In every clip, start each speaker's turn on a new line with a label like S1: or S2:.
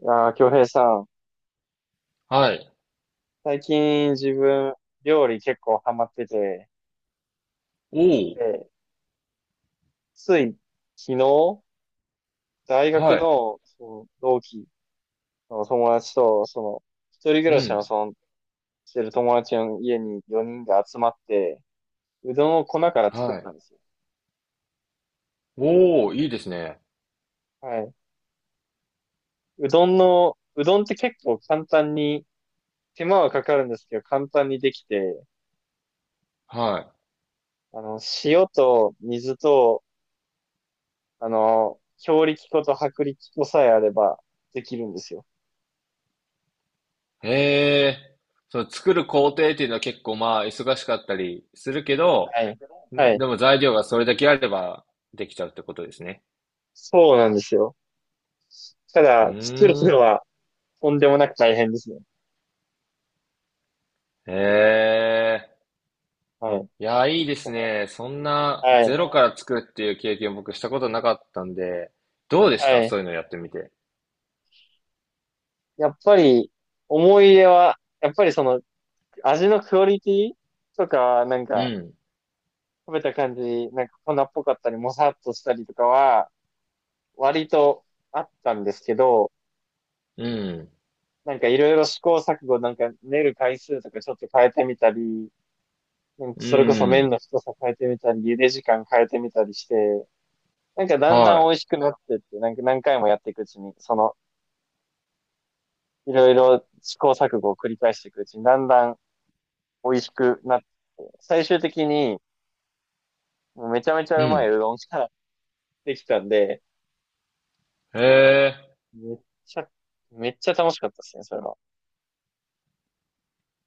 S1: いやー、京平さん、
S2: はい。
S1: 最近自分、料理結構ハマってて、
S2: おお。
S1: で、つい昨日、大学
S2: はい。
S1: の、同期の友達と、一人暮
S2: う
S1: らしの、
S2: ん。
S1: してる友達の家に4人で集まって、うどんを粉から作っ
S2: はい。
S1: たんですよ。
S2: おお、いいですね。
S1: はい。うどんって結構簡単に、手間はかかるんですけど、簡単にできて、
S2: は
S1: 塩と水と、強力粉と薄力粉さえあればできるんですよ。
S2: い。へえ。その作る工程っていうのは結構まあ忙しかったりするけ
S1: は
S2: ど、
S1: い。は
S2: ん
S1: い。
S2: でも材料がそれだけあればできちゃうってことですね。
S1: そうなんですよ。た
S2: う
S1: だ、作る
S2: ー
S1: の
S2: ん。
S1: はとんでもなく大変ですね。
S2: へえ。
S1: はい。
S2: いや、いいですね。そんな
S1: はい。
S2: ゼロから作るっていう経験僕したことなかったんで、どうでした
S1: はい。
S2: そういうのやってみて？
S1: やっぱり、思い出は、やっぱり味のクオリティとか、なん
S2: う
S1: か、
S2: ん。
S1: 食べた感じ、なんか粉っぽかったり、もさっとしたりとかは、割とあったんですけど、
S2: うん。
S1: なんかいろいろ試行錯誤、なんか練る回数とかちょっと変えてみたり、なんか
S2: う
S1: それこそ麺
S2: ん。
S1: の太さ変えてみたり、茹で時間変えてみたりして、
S2: はい。うん。へえ。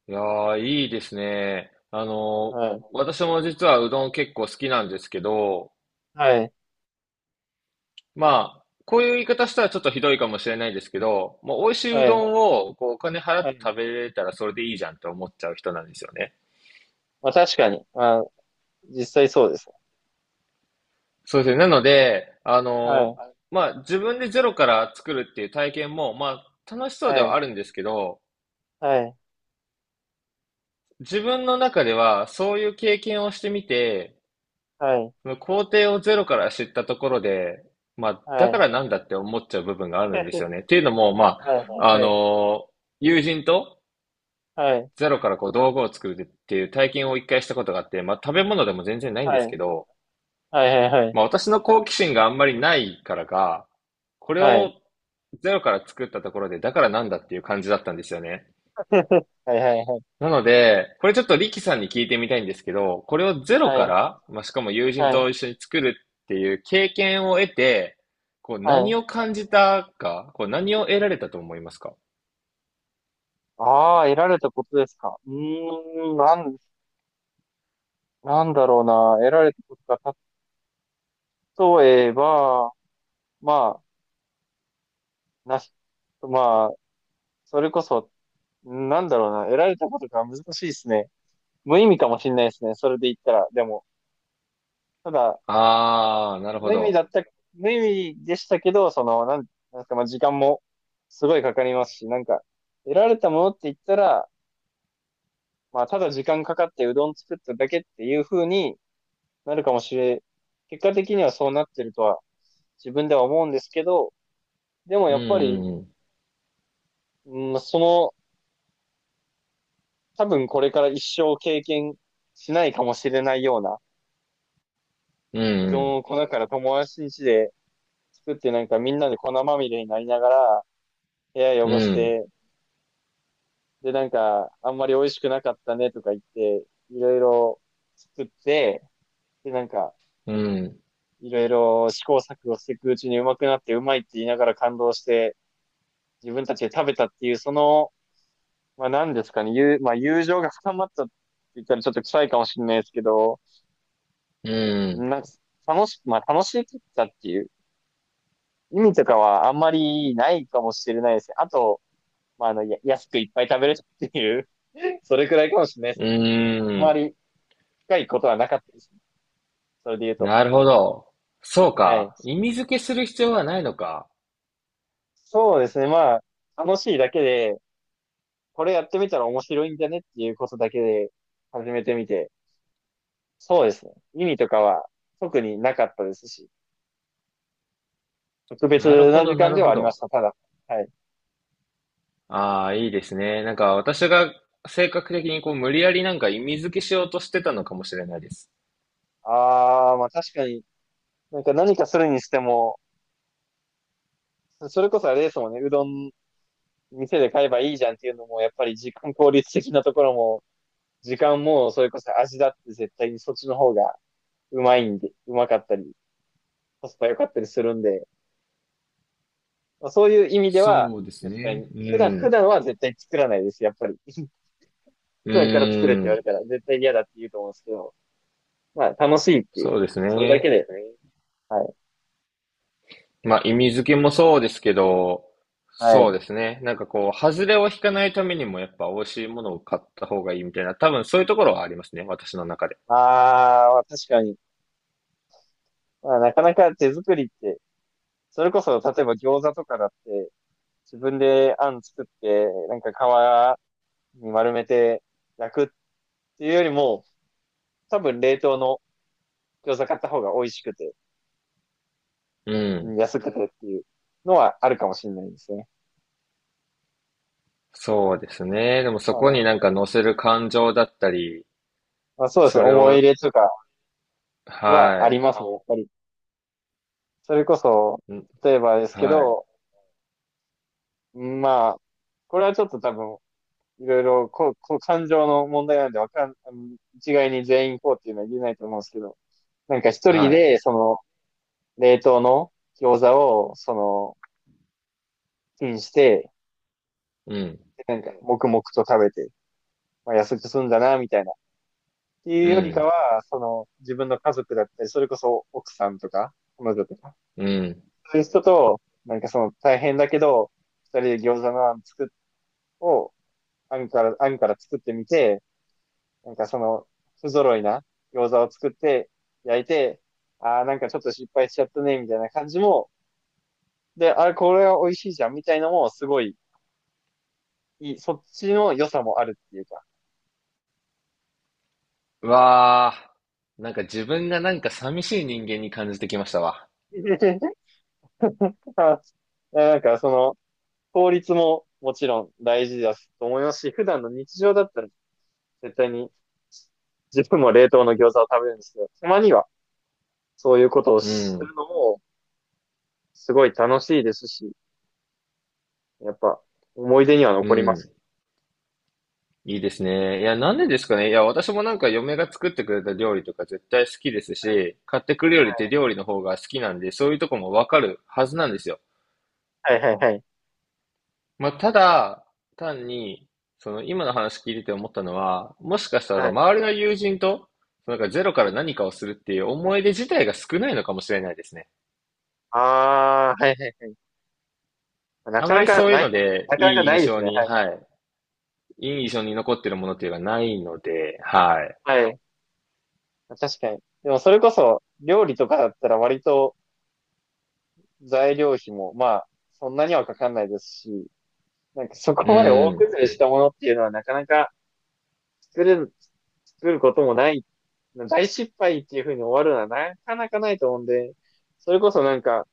S2: いやー、いいですね。私も実はうどん結構好きなんですけど、まあ、こういう言い方したらちょっとひどいかもしれないですけど、もう美味しいうどんをこうお金払って食べれたらそれでいいじゃんって思っちゃう人なんですよね。そうですね。なので、まあ、自分でゼロから作るっていう体験も、まあ、楽しそうではあるんですけど、自分の中ではそういう経験をしてみて、その工程をゼロから知ったところで、まあ、だからなんだって思っちゃう部分があるんですよね。っていうのも、まあ、あの友人とゼロからこう道具を作るっていう体験を一回したことがあって、まあ、食べ物でも全然ないんですけど、まあ、私の好奇心があんまりないからか、これをゼロから作ったところで、だからなんだっていう感じだったんですよね。なので、これちょっとリキさんに聞いてみたいんですけど、これをゼロから、まあ、しかも友人と一緒に作るっていう経験を得て、こう何を感じたか、こう何を得られたと思いますか？
S1: ああ、得られたことですか。なんだろうな。得られたことか。例えば、まあ、なし、まあ、それこそ、なんだろうな。得られたことが難しいですね。無意味かもしれないですね。それで言ったら。でも、ただ、
S2: ああー、なるほ
S1: 無意味
S2: ど。
S1: だった、無意味でしたけど、なんですか、まあ、時間もすごいかかりますし、なんか、得られたものって言ったら、まあ、ただ時間かかってうどん作っただけっていう風になるかもしれ、結果的にはそうなってるとは自分では思うんですけど、でも
S2: う
S1: やっぱり、
S2: ん、
S1: うん、その、多分これから一生経験しないかもしれないような、
S2: う
S1: うどん
S2: ん、
S1: を粉から友達ん家で作ってなんかみんなで粉まみれになりながら、部屋
S2: うん、
S1: 汚し
S2: うん、
S1: て、でなんか、あんまり美味しくなかったねとか言って、いろいろ作って、でなんか、
S2: うん、
S1: いろいろ試行錯誤していくうちにうまくなってうまいって言いながら感動して、自分たちで食べたっていう、その、まあ何ですかね、まあ、友情が深まったって言ったらちょっと臭いかもしれないですけど、
S2: うん、
S1: なんか楽し、まあ楽しかったっていう意味とかはあんまりないかもしれないですね。あと、まあ安くいっぱい食べれたっていう それくらいかもしれないですね。あ
S2: う
S1: ま
S2: ん。
S1: り深いことはなかったですね。それで言うと。
S2: なるほど。そう
S1: はい。
S2: か。意味付けする必要はないのか。
S1: そうですね、まあ楽しいだけで、これやってみたら面白いんじゃねっていうことだけで始めてみて、そうですね。意味とかは特になかったですし、特別
S2: なる
S1: な
S2: ほ
S1: 時
S2: ど、な
S1: 間
S2: る
S1: では
S2: ほ
S1: ありま
S2: ど。
S1: した、ただ。はい。
S2: ああ、いいですね。なんか私が性格的にこう無理やりなんか意味付けしようとしてたのかもしれないです。
S1: ああ、まあ確かに、なんか何かするにしても、それこそあれですもんね、うどん店で買えばいいじゃんっていうのも、やっぱり時間効率的なところも、時間もそれこそ味だって絶対にそっちの方がうまいんで、うまかったり、コスパ良かったりするんで、まあ、そういう意味では、
S2: そうです
S1: 絶対
S2: ね。
S1: に、
S2: ううん。
S1: 普
S2: ん。
S1: 段は絶対作らないです、やっぱり。
S2: う
S1: 普段から作れって
S2: ー
S1: 言わ
S2: ん。
S1: れたら絶対に嫌だって言うと思うんですけど、まあ楽しいっていう、
S2: そうです
S1: それだ
S2: ね。
S1: けだよね。はい。
S2: まあ意味付けもそうですけど、
S1: は
S2: そう
S1: い。
S2: ですね。なんかこう、外れを引かないためにもやっぱ美味しいものを買った方がいいみたいな、多分そういうところはありますね。私の中で。
S1: あーまあ、確かに。まあ、なかなか手作りって、それこそ、例えば餃子とかだって、自分であん作って、なんか皮に丸めて焼くっていうよりも、多分冷凍の餃子買った方が美味しくて、
S2: う
S1: うん
S2: ん。
S1: 安くてっていうのはあるかもしれないですね。
S2: そうですね。でも
S1: あ
S2: そこに
S1: の
S2: なんか乗せる感情だったり、
S1: まあ、そうです
S2: そ
S1: ね。
S2: れ
S1: 思い入
S2: を、
S1: れとかはあ
S2: は
S1: りますね、やっぱり。それこそ、
S2: い。ん。
S1: 例えばですけ
S2: はい。
S1: ど、まあ、これはちょっと多分いろいろ、感情の問題なんで、わかん、あの一概に全員こうっていうのは言えないと思うんですけど、なんか一人
S2: はい。
S1: で、冷凍の餃子を、チンして、
S2: うん。
S1: なんか、黙々と食べて、まあ、痩せて済んだな、みたいな。ってい
S2: う
S1: うよりか
S2: ん、
S1: は、その、自分の家族だったり、それこそ奥さんとか、彼女とか、
S2: うん。
S1: そういう人と、なんかその、大変だけど、二人で餃子のあん作っ、を、あんから、作ってみて、なんかその、不揃いな餃子を作って焼いて、ああ、なんかちょっと失敗しちゃったね、みたいな感じも、で、あれ、これは美味しいじゃん、みたいのも、すごい、いい、そっちの良さもあるっていうか。
S2: うわあ、なんか自分がなんか寂しい人間に感じてきましたわ。
S1: あなんかその、効率ももちろん大事だと思いますし、普段の日常だったら絶対に自分も冷凍の餃子を食べるんですけど、たまにはそういうことを
S2: う
S1: す
S2: ん、
S1: るのもすごい楽しいですし、やっぱ思い出には
S2: う
S1: 残ります
S2: ん。
S1: ね。
S2: いいですね。いや、なんでですかね。いや、私もなんか嫁が作ってくれた料理とか絶対好きですし、買ってくるよりって料理の方が好きなんで、そういうとこもわかるはずなんですよ。
S1: はいはいはい。
S2: まあ、ただ、単に、その今の話聞いてて思ったのは、もしかした
S1: は
S2: ら
S1: い。
S2: 周りの友人と、なんかゼロか
S1: は
S2: ら
S1: い
S2: 何かをするっていう思い出自体が少ないのかもしれないですね。
S1: ああ、はいはいはい。な
S2: あ
S1: か
S2: ま
S1: な
S2: り
S1: か
S2: そういう
S1: ない、
S2: ので、
S1: なか
S2: い
S1: なか
S2: い
S1: な
S2: 印
S1: いです
S2: 象
S1: ね。
S2: に、
S1: はい。
S2: はい。いい印象に残ってるものっていうのがないので、はい。
S1: はい。確かに。でもそれこそ、料理とかだったら割と材料費も、まあ、そんなにはかかんないですし、なんかそ
S2: う
S1: こまで大
S2: ん。
S1: 崩れしたものっていうのはなかなか作れる、作ることもない、大失敗っていう風に終わるのはなかなかないと思うんで、それこそなんか、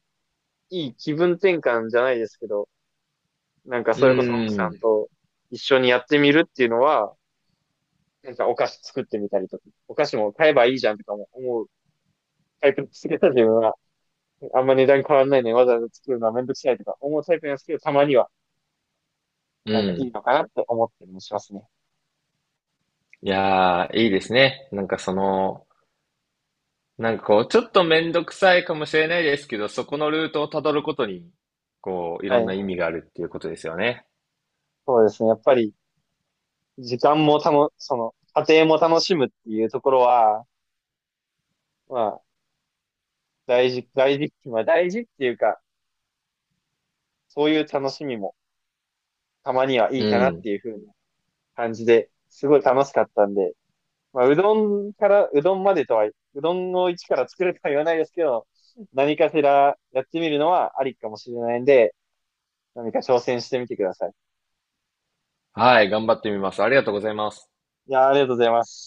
S1: いい気分転換じゃないですけど、なんか
S2: う
S1: それこそ奥さ
S2: ん。
S1: んと一緒にやってみるっていうのは、なんかお菓子作ってみたりとか、お菓子も買えばいいじゃんとかも思うタイプですけど、自分は。あんま値段変わんないのにわざわざ作るのはめんどくさいとか思うタイプなんですけど、たまには
S2: う
S1: なんかいい
S2: ん。
S1: のかなって思ったりもしますね。
S2: いやー、いいですね。なんかその、なんかこう、ちょっとめんどくさいかもしれないですけど、そこのルートをたどることに、こう、い
S1: は
S2: ろん
S1: い。
S2: な意味があるっていうことですよね。
S1: そうですね。やっぱり時間もたの、その、家庭も楽しむっていうところは、まあ、大事、大事、まあ大事っていうか、そういう楽しみもたまにはい
S2: う
S1: いかなっ
S2: ん。
S1: ていう風な感じで、すごい楽しかったんで、まあ、うどんから、うどんまでとは、うどんを一から作るとは言わないですけど、何かしらやってみるのはありかもしれないんで、何か挑戦してみてください。
S2: はい、頑張ってみます。ありがとうございます。
S1: いやー、ありがとうございます。